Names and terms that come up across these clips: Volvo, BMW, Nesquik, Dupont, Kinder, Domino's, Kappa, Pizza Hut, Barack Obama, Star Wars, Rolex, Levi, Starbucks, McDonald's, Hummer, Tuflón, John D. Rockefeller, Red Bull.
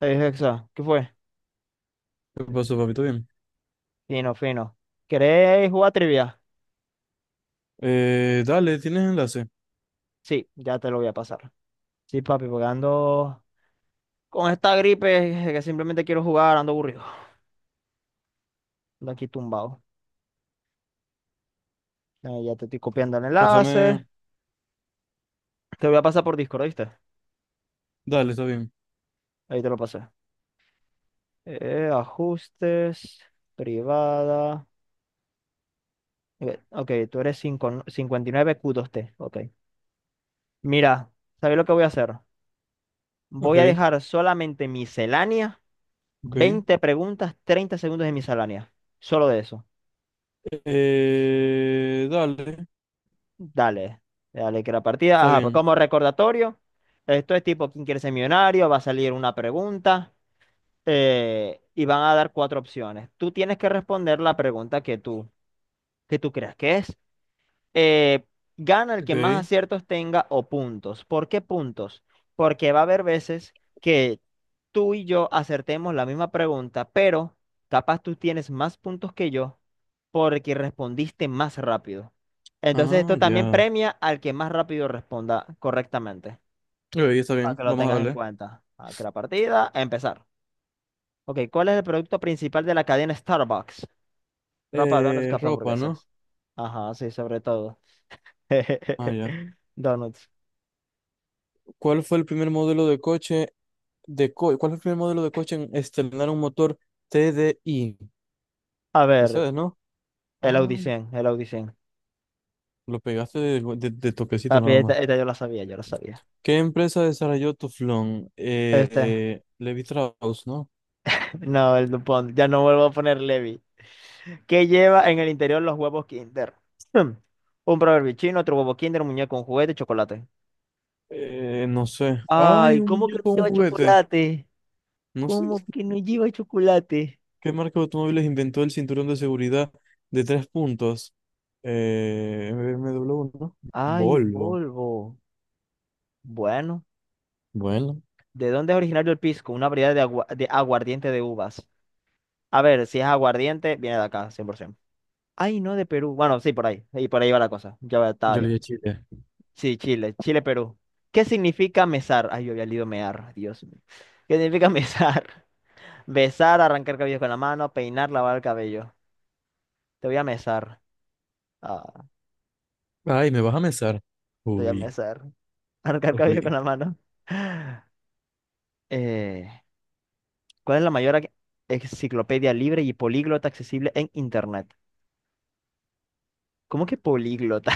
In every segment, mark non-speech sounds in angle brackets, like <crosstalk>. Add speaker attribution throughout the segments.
Speaker 1: Es exacto. ¿Qué fue?
Speaker 2: ¿Qué pasó, papito? Bien.
Speaker 1: Fino, fino. ¿Querés jugar trivia?
Speaker 2: Dale, ¿tienes enlace?
Speaker 1: Sí, ya te lo voy a pasar. Sí, papi, porque ando con esta gripe que simplemente quiero jugar, ando aburrido. Ando aquí tumbado. Ya te estoy copiando el enlace.
Speaker 2: Pásame.
Speaker 1: Te lo voy a pasar por Discord, ¿viste?
Speaker 2: Dale, está bien.
Speaker 1: Ahí te lo pasé. Ajustes, privada. Ok, tú eres 559Q2T. Ok. Mira, ¿sabes lo que voy a hacer? Voy a
Speaker 2: Ok,
Speaker 1: dejar solamente miscelánea,
Speaker 2: ok.
Speaker 1: 20 preguntas, 30 segundos de miscelánea. Solo de eso.
Speaker 2: Dale,
Speaker 1: Dale, dale que la partida.
Speaker 2: está
Speaker 1: Ajá, pues
Speaker 2: bien.
Speaker 1: como recordatorio, esto es tipo ¿quién quiere ser millonario? Va a salir una pregunta y van a dar cuatro opciones. Tú tienes que responder la pregunta que tú creas que es eh, gana el
Speaker 2: Ok.
Speaker 1: que más aciertos tenga o puntos. ¿Por qué puntos? Porque va a haber veces que tú y yo acertemos la misma pregunta, pero capaz tú tienes más puntos que yo porque respondiste más rápido. Entonces
Speaker 2: Ah,
Speaker 1: esto también
Speaker 2: ya.
Speaker 1: premia al que más rápido responda correctamente,
Speaker 2: Ok, está
Speaker 1: para
Speaker 2: bien.
Speaker 1: que lo
Speaker 2: Vamos a
Speaker 1: tengas en
Speaker 2: darle.
Speaker 1: cuenta. Aquí la partida, a empezar. Ok, ¿cuál es el producto principal de la cadena Starbucks? Ropa, donuts, café,
Speaker 2: Ropa, ¿no?
Speaker 1: hamburguesas. Ajá, sí, sobre todo.
Speaker 2: Ah, ya.
Speaker 1: <laughs> Donuts.
Speaker 2: ¿Cuál fue el primer modelo de coche ¿Cuál fue el primer modelo de coche en estrenar un motor T TDI?
Speaker 1: A ver,
Speaker 2: Mercedes, ¿no?
Speaker 1: el
Speaker 2: Ay,
Speaker 1: Audicien, el Audicien.
Speaker 2: lo pegaste de, de toquecito
Speaker 1: Papi,
Speaker 2: nada más.
Speaker 1: esta yo la sabía, yo la sabía.
Speaker 2: ¿Qué empresa desarrolló Tuflón?
Speaker 1: Este,
Speaker 2: Levi Strauss, ¿no?
Speaker 1: <laughs> no, el Dupont. Ya no vuelvo a poner Levi. ¿Qué lleva en el interior los huevos Kinder? <clears throat> Hmm. Un proverbio chino, otro huevo Kinder, un muñeco, un juguete, chocolate.
Speaker 2: No sé. Ay,
Speaker 1: Ay,
Speaker 2: un
Speaker 1: ¿cómo que no
Speaker 2: muñeco, un
Speaker 1: lleva
Speaker 2: juguete.
Speaker 1: chocolate?
Speaker 2: No sé
Speaker 1: ¿Cómo que no lleva chocolate?
Speaker 2: qué marca de automóviles inventó el cinturón de seguridad de tres puntos. B M BMW, ¿no?
Speaker 1: Ay,
Speaker 2: Volvo.
Speaker 1: Volvo. Bueno,
Speaker 2: Bueno,
Speaker 1: ¿de dónde es originario el pisco? Una variedad de, agua- de aguardiente de uvas. A ver, si es aguardiente, viene de acá, 100%. Ay, no, de Perú. Bueno, sí, por ahí. Y por ahí va la cosa. Ya va- estaba
Speaker 2: yo le
Speaker 1: bien.
Speaker 2: dije Chile.
Speaker 1: Sí, Chile. Chile, Perú. ¿Qué significa mesar? Ay, yo había leído mear. Dios mío. ¿Qué significa mesar? <laughs> Besar, arrancar cabellos con la mano, peinar, lavar el cabello. Te voy a mesar. Ah,
Speaker 2: Ay, ¿me vas a mesar?
Speaker 1: te voy a
Speaker 2: Uy,
Speaker 1: mesar. <laughs> Arrancar cabello con
Speaker 2: uy.
Speaker 1: la mano. <laughs> Eh, ¿cuál es la mayor ac- enciclopedia libre y políglota accesible en Internet? ¿Cómo que políglota?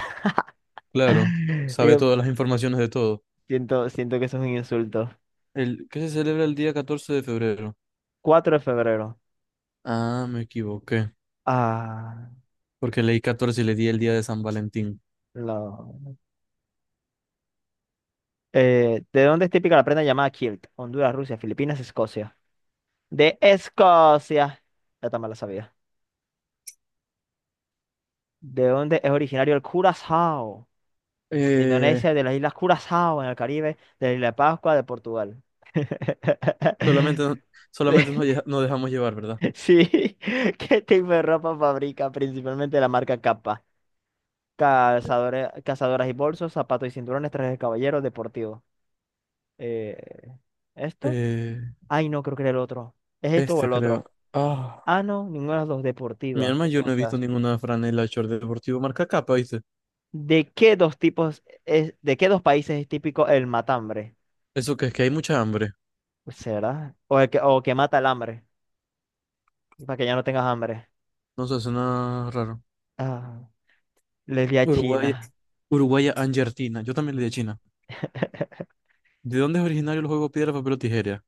Speaker 2: Claro,
Speaker 1: <laughs>
Speaker 2: sabe
Speaker 1: Digo,
Speaker 2: todas las informaciones de todo.
Speaker 1: siento que eso es un insulto.
Speaker 2: El, ¿qué se celebra el día 14 de febrero?
Speaker 1: 4 de febrero.
Speaker 2: Ah, me equivoqué,
Speaker 1: Ah.
Speaker 2: porque leí 14 y le di el día de San Valentín.
Speaker 1: No. ¿De dónde es típica la prenda llamada kilt? Honduras, Rusia, Filipinas, Escocia. De Escocia. Ya también la sabía. ¿De dónde es originario el curazao? De
Speaker 2: Eh,
Speaker 1: Indonesia, de las islas Curazao en el Caribe, de la isla de Pascua, de Portugal.
Speaker 2: Solamente,
Speaker 1: <laughs>
Speaker 2: no, nos dejamos llevar, ¿verdad?
Speaker 1: Sí, <laughs> ¿qué tipo de ropa fabrica? Principalmente la marca Kappa. Calzadores, cazadoras y bolsos, zapatos y cinturones, trajes de caballero, deportivo. Eh, ¿Esto?
Speaker 2: Eh,
Speaker 1: Ay, no, creo que era el otro. ¿Es esto o
Speaker 2: Este
Speaker 1: el otro?
Speaker 2: creo. Ah,
Speaker 1: Ah, no, ninguna de las dos
Speaker 2: mi
Speaker 1: deportiva.
Speaker 2: alma,
Speaker 1: ¿Qué
Speaker 2: yo no he visto
Speaker 1: cosas?
Speaker 2: ninguna franela short deportivo marca capa, ¿viste?
Speaker 1: ¿De qué dos tipos es, de qué dos países es típico el matambre?
Speaker 2: Eso que es que hay mucha hambre.
Speaker 1: Pues, ¿será? O el que, o que mata el hambre, para que ya no tengas hambre.
Speaker 2: No sé, suena raro.
Speaker 1: Ah, le di a
Speaker 2: Uruguaya,
Speaker 1: China.
Speaker 2: Uruguaya Angertina. Yo también le di a China.
Speaker 1: <laughs>
Speaker 2: ¿De dónde es originario el juego piedra, papel o tijera?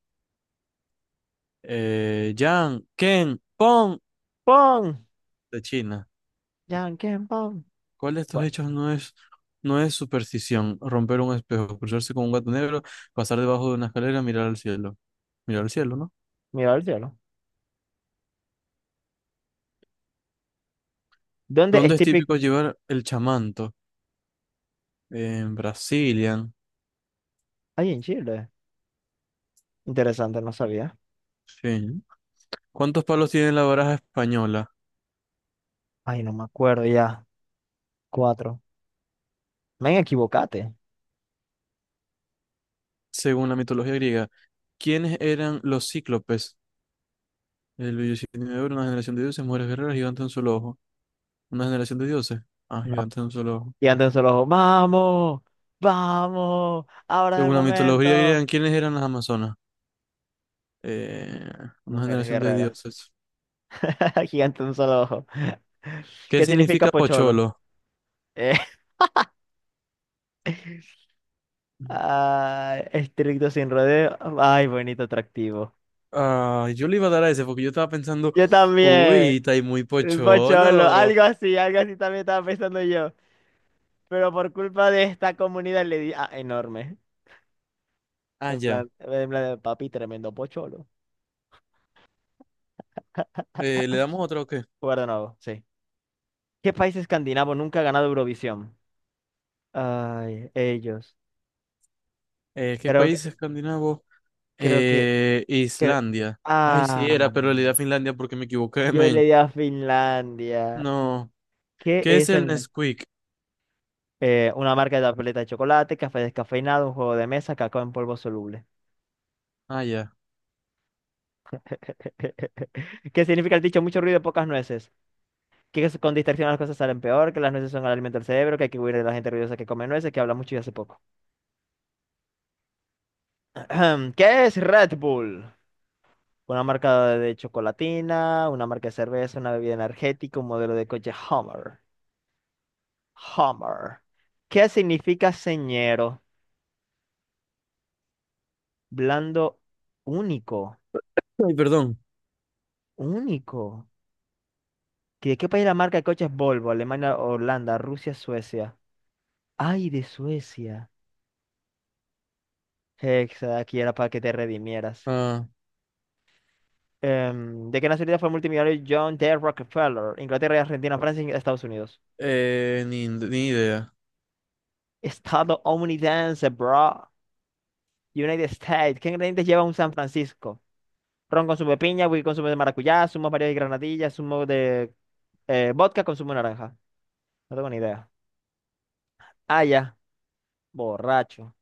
Speaker 2: Yang, Ken, Pong.
Speaker 1: ¡Pon!
Speaker 2: De China.
Speaker 1: ¡Yanquen, pon!
Speaker 2: ¿Cuál de estos
Speaker 1: Bueno,
Speaker 2: hechos no es, ¿No es superstición? Romper un espejo, cruzarse con un gato negro, pasar debajo de una escalera, mirar al cielo. Mirar al cielo, ¿no?
Speaker 1: mira al cielo. ¿Dónde es
Speaker 2: ¿Dónde es
Speaker 1: típico?
Speaker 2: típico llevar el chamanto? En Brasilia.
Speaker 1: Ay, en Chile. Interesante, no sabía.
Speaker 2: Sí. ¿Cuántos palos tiene la baraja española?
Speaker 1: Ay, no me acuerdo ya. Cuatro. Me equivocate.
Speaker 2: Según la mitología griega, ¿quiénes eran los cíclopes? El de oro, una generación de dioses, mujeres guerreras, gigantes de un solo ojo. ¿Una generación de dioses? Ah, gigantes de un solo ojo.
Speaker 1: Y andan solo, ojo, vamos, vamos, ahora es el
Speaker 2: Según la mitología
Speaker 1: momento.
Speaker 2: griega, ¿quiénes eran las amazonas? Eh, una
Speaker 1: Mujeres
Speaker 2: generación de
Speaker 1: guerreras.
Speaker 2: dioses.
Speaker 1: <laughs> Gigante de un solo ojo. <laughs>
Speaker 2: ¿Qué
Speaker 1: ¿Qué significa
Speaker 2: significa
Speaker 1: pocholo?
Speaker 2: pocholo?
Speaker 1: Eh, <laughs> ah, estricto sin rodeo. Ay, bonito atractivo.
Speaker 2: Ah, yo le iba a dar a ese porque yo estaba pensando,
Speaker 1: Yo
Speaker 2: uy,
Speaker 1: también.
Speaker 2: está ahí muy
Speaker 1: El Pocholo.
Speaker 2: pocholo.
Speaker 1: Algo así también estaba pensando yo. Pero por culpa de esta comunidad le di. Ah, enorme.
Speaker 2: Ah,
Speaker 1: En
Speaker 2: ya.
Speaker 1: plan, en plan, papi, tremendo pocholo.
Speaker 2: ¿Le damos otro o qué?
Speaker 1: Jugar sí. ¿Qué país escandinavo nunca ha ganado Eurovisión? Ay, ellos.
Speaker 2: ¿Qué
Speaker 1: Creo
Speaker 2: país
Speaker 1: que,
Speaker 2: escandinavo?
Speaker 1: creo que, cre-
Speaker 2: Islandia. Ay, sí,
Speaker 1: ah,
Speaker 2: era, pero le di a Finlandia porque me equivoqué, <laughs>
Speaker 1: yo le
Speaker 2: men.
Speaker 1: di a Finlandia.
Speaker 2: No.
Speaker 1: ¿Qué
Speaker 2: ¿Qué es
Speaker 1: es
Speaker 2: el
Speaker 1: el,
Speaker 2: Nesquik?
Speaker 1: una marca de tableta de chocolate, café descafeinado, un juego de mesa, cacao en polvo soluble?
Speaker 2: Ah, ya.
Speaker 1: <laughs> ¿Qué significa el dicho? Mucho ruido, pocas nueces. Que es- con distracción las cosas salen peor, que las nueces son el alimento del cerebro, que hay que huir de la gente ruidosa que come nueces, que habla mucho y hace poco. <clears throat> ¿Qué es Red Bull? Una marca de chocolatina, una marca de cerveza, una bebida energética, un modelo de coche Hummer. Hummer. ¿Qué significa señero? Blando único.
Speaker 2: Ay, perdón.
Speaker 1: Único. ¿De qué país la marca de coches Volvo? Alemania, Holanda, Rusia, Suecia. Ay, de Suecia. Hexa, aquí era para que te redimieras.
Speaker 2: Ah,
Speaker 1: ¿De qué nacionalidad fue el multimillonario John D. Rockefeller? Inglaterra, Argentina, Francia y Estados Unidos.
Speaker 2: ni idea.
Speaker 1: Estadounidense, bro. United States. ¿Qué ingredientes lleva un San Francisco? Ron con zumo de piña, whisky con zumo de maracuyá, zumo de varios y granadillas, zumo de vodka con zumo de naranja. No tengo ni idea. Ah, ya, borracho.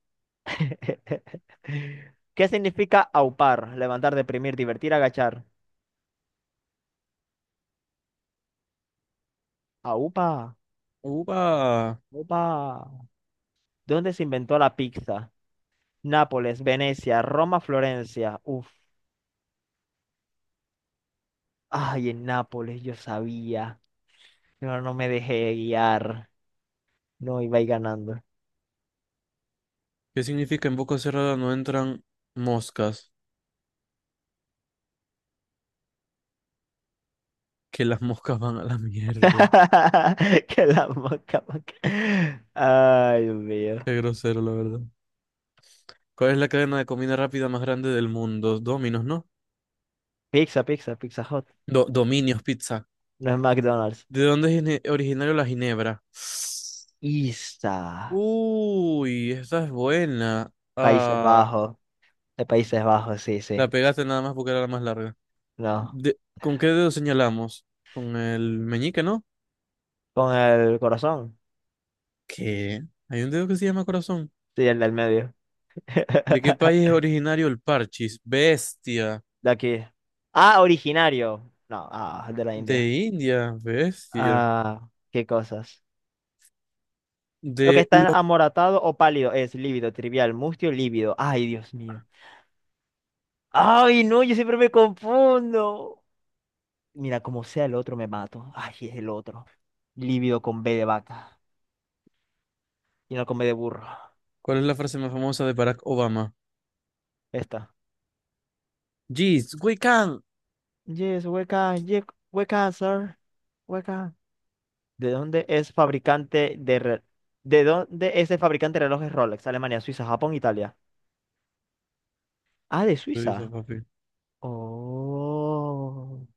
Speaker 1: <laughs> ¿Qué significa aupar? Levantar, deprimir, divertir, agachar. Aupa,
Speaker 2: Uva.
Speaker 1: aupa. ¿Dónde se inventó la pizza? Nápoles, Venecia, Roma, Florencia. Uf. Ay, en Nápoles, yo sabía. Pero no me dejé guiar. No iba a ir ganando.
Speaker 2: ¿Qué significa en boca cerrada no entran moscas? Que las <laughs> moscas van a la mierda.
Speaker 1: <laughs> Que la moca, moca. Ay, Dios mío.
Speaker 2: Qué grosero, la verdad. ¿Cuál es la cadena de comida rápida más grande del mundo? Domino's, ¿no?
Speaker 1: Pizza, pizza, Pizza Hot.
Speaker 2: Dominios Pizza.
Speaker 1: No es McDonald's.
Speaker 2: ¿De dónde es originario la ginebra?
Speaker 1: Isa.
Speaker 2: Uy, esa es buena.
Speaker 1: Países
Speaker 2: Ah,
Speaker 1: Bajos. De Países Bajos, sí, sí.
Speaker 2: la pegaste nada más porque era la más larga.
Speaker 1: No.
Speaker 2: ¿Con qué dedo señalamos? Con el meñique, ¿no?
Speaker 1: Con el corazón.
Speaker 2: ¿Qué? Hay un dedo que se llama corazón.
Speaker 1: Sí, el del medio.
Speaker 2: ¿De qué país es
Speaker 1: <laughs>
Speaker 2: originario el parchis? Bestia.
Speaker 1: De aquí. Ah, originario. No, ah, de la India.
Speaker 2: De India, bestia.
Speaker 1: Ah, qué cosas. Lo que
Speaker 2: De
Speaker 1: está
Speaker 2: lo...
Speaker 1: amoratado o pálido es lívido, trivial, mustio, lívido. Ay, Dios mío. Ay, no, yo siempre me confundo. Mira, como sea el otro, me mato. Ay, es el otro. Lívido con B de vaca y no con B de burro.
Speaker 2: ¿Cuál es la frase más famosa de Barack Obama?
Speaker 1: Esta.
Speaker 2: Jeez, we can.
Speaker 1: Yes, we can, sir. We can. ¿De dónde es fabricante de re- ¿De dónde es el fabricante de relojes Rolex? Alemania, Suiza, Japón, Italia. Ah, de
Speaker 2: Tú dices,
Speaker 1: Suiza.
Speaker 2: papi.
Speaker 1: Oh.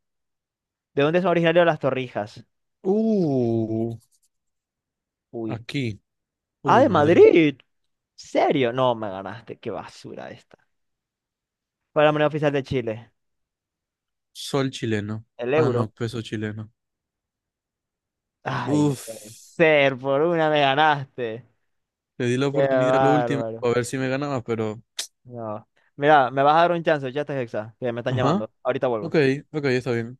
Speaker 1: ¿De dónde son originarios las torrijas?
Speaker 2: Uh,
Speaker 1: Uy.
Speaker 2: aquí.
Speaker 1: Ah,
Speaker 2: Uy,
Speaker 1: de
Speaker 2: Madrid.
Speaker 1: Madrid. ¿Serio? No, me ganaste. Qué basura esta. ¿Cuál es la moneda oficial de Chile?
Speaker 2: Sol chileno.
Speaker 1: El
Speaker 2: Ah,
Speaker 1: euro.
Speaker 2: no, peso chileno.
Speaker 1: Ay, no puede
Speaker 2: Uf.
Speaker 1: ser. Por una me ganaste.
Speaker 2: Le di la
Speaker 1: Qué
Speaker 2: oportunidad a lo último
Speaker 1: bárbaro.
Speaker 2: para ver si me ganaba, pero...
Speaker 1: No. Mira, me vas a dar un chance, ya estás hexa, que me están
Speaker 2: Ajá.
Speaker 1: llamando. Ahorita
Speaker 2: Ok,
Speaker 1: vuelvo.
Speaker 2: ok, está bien.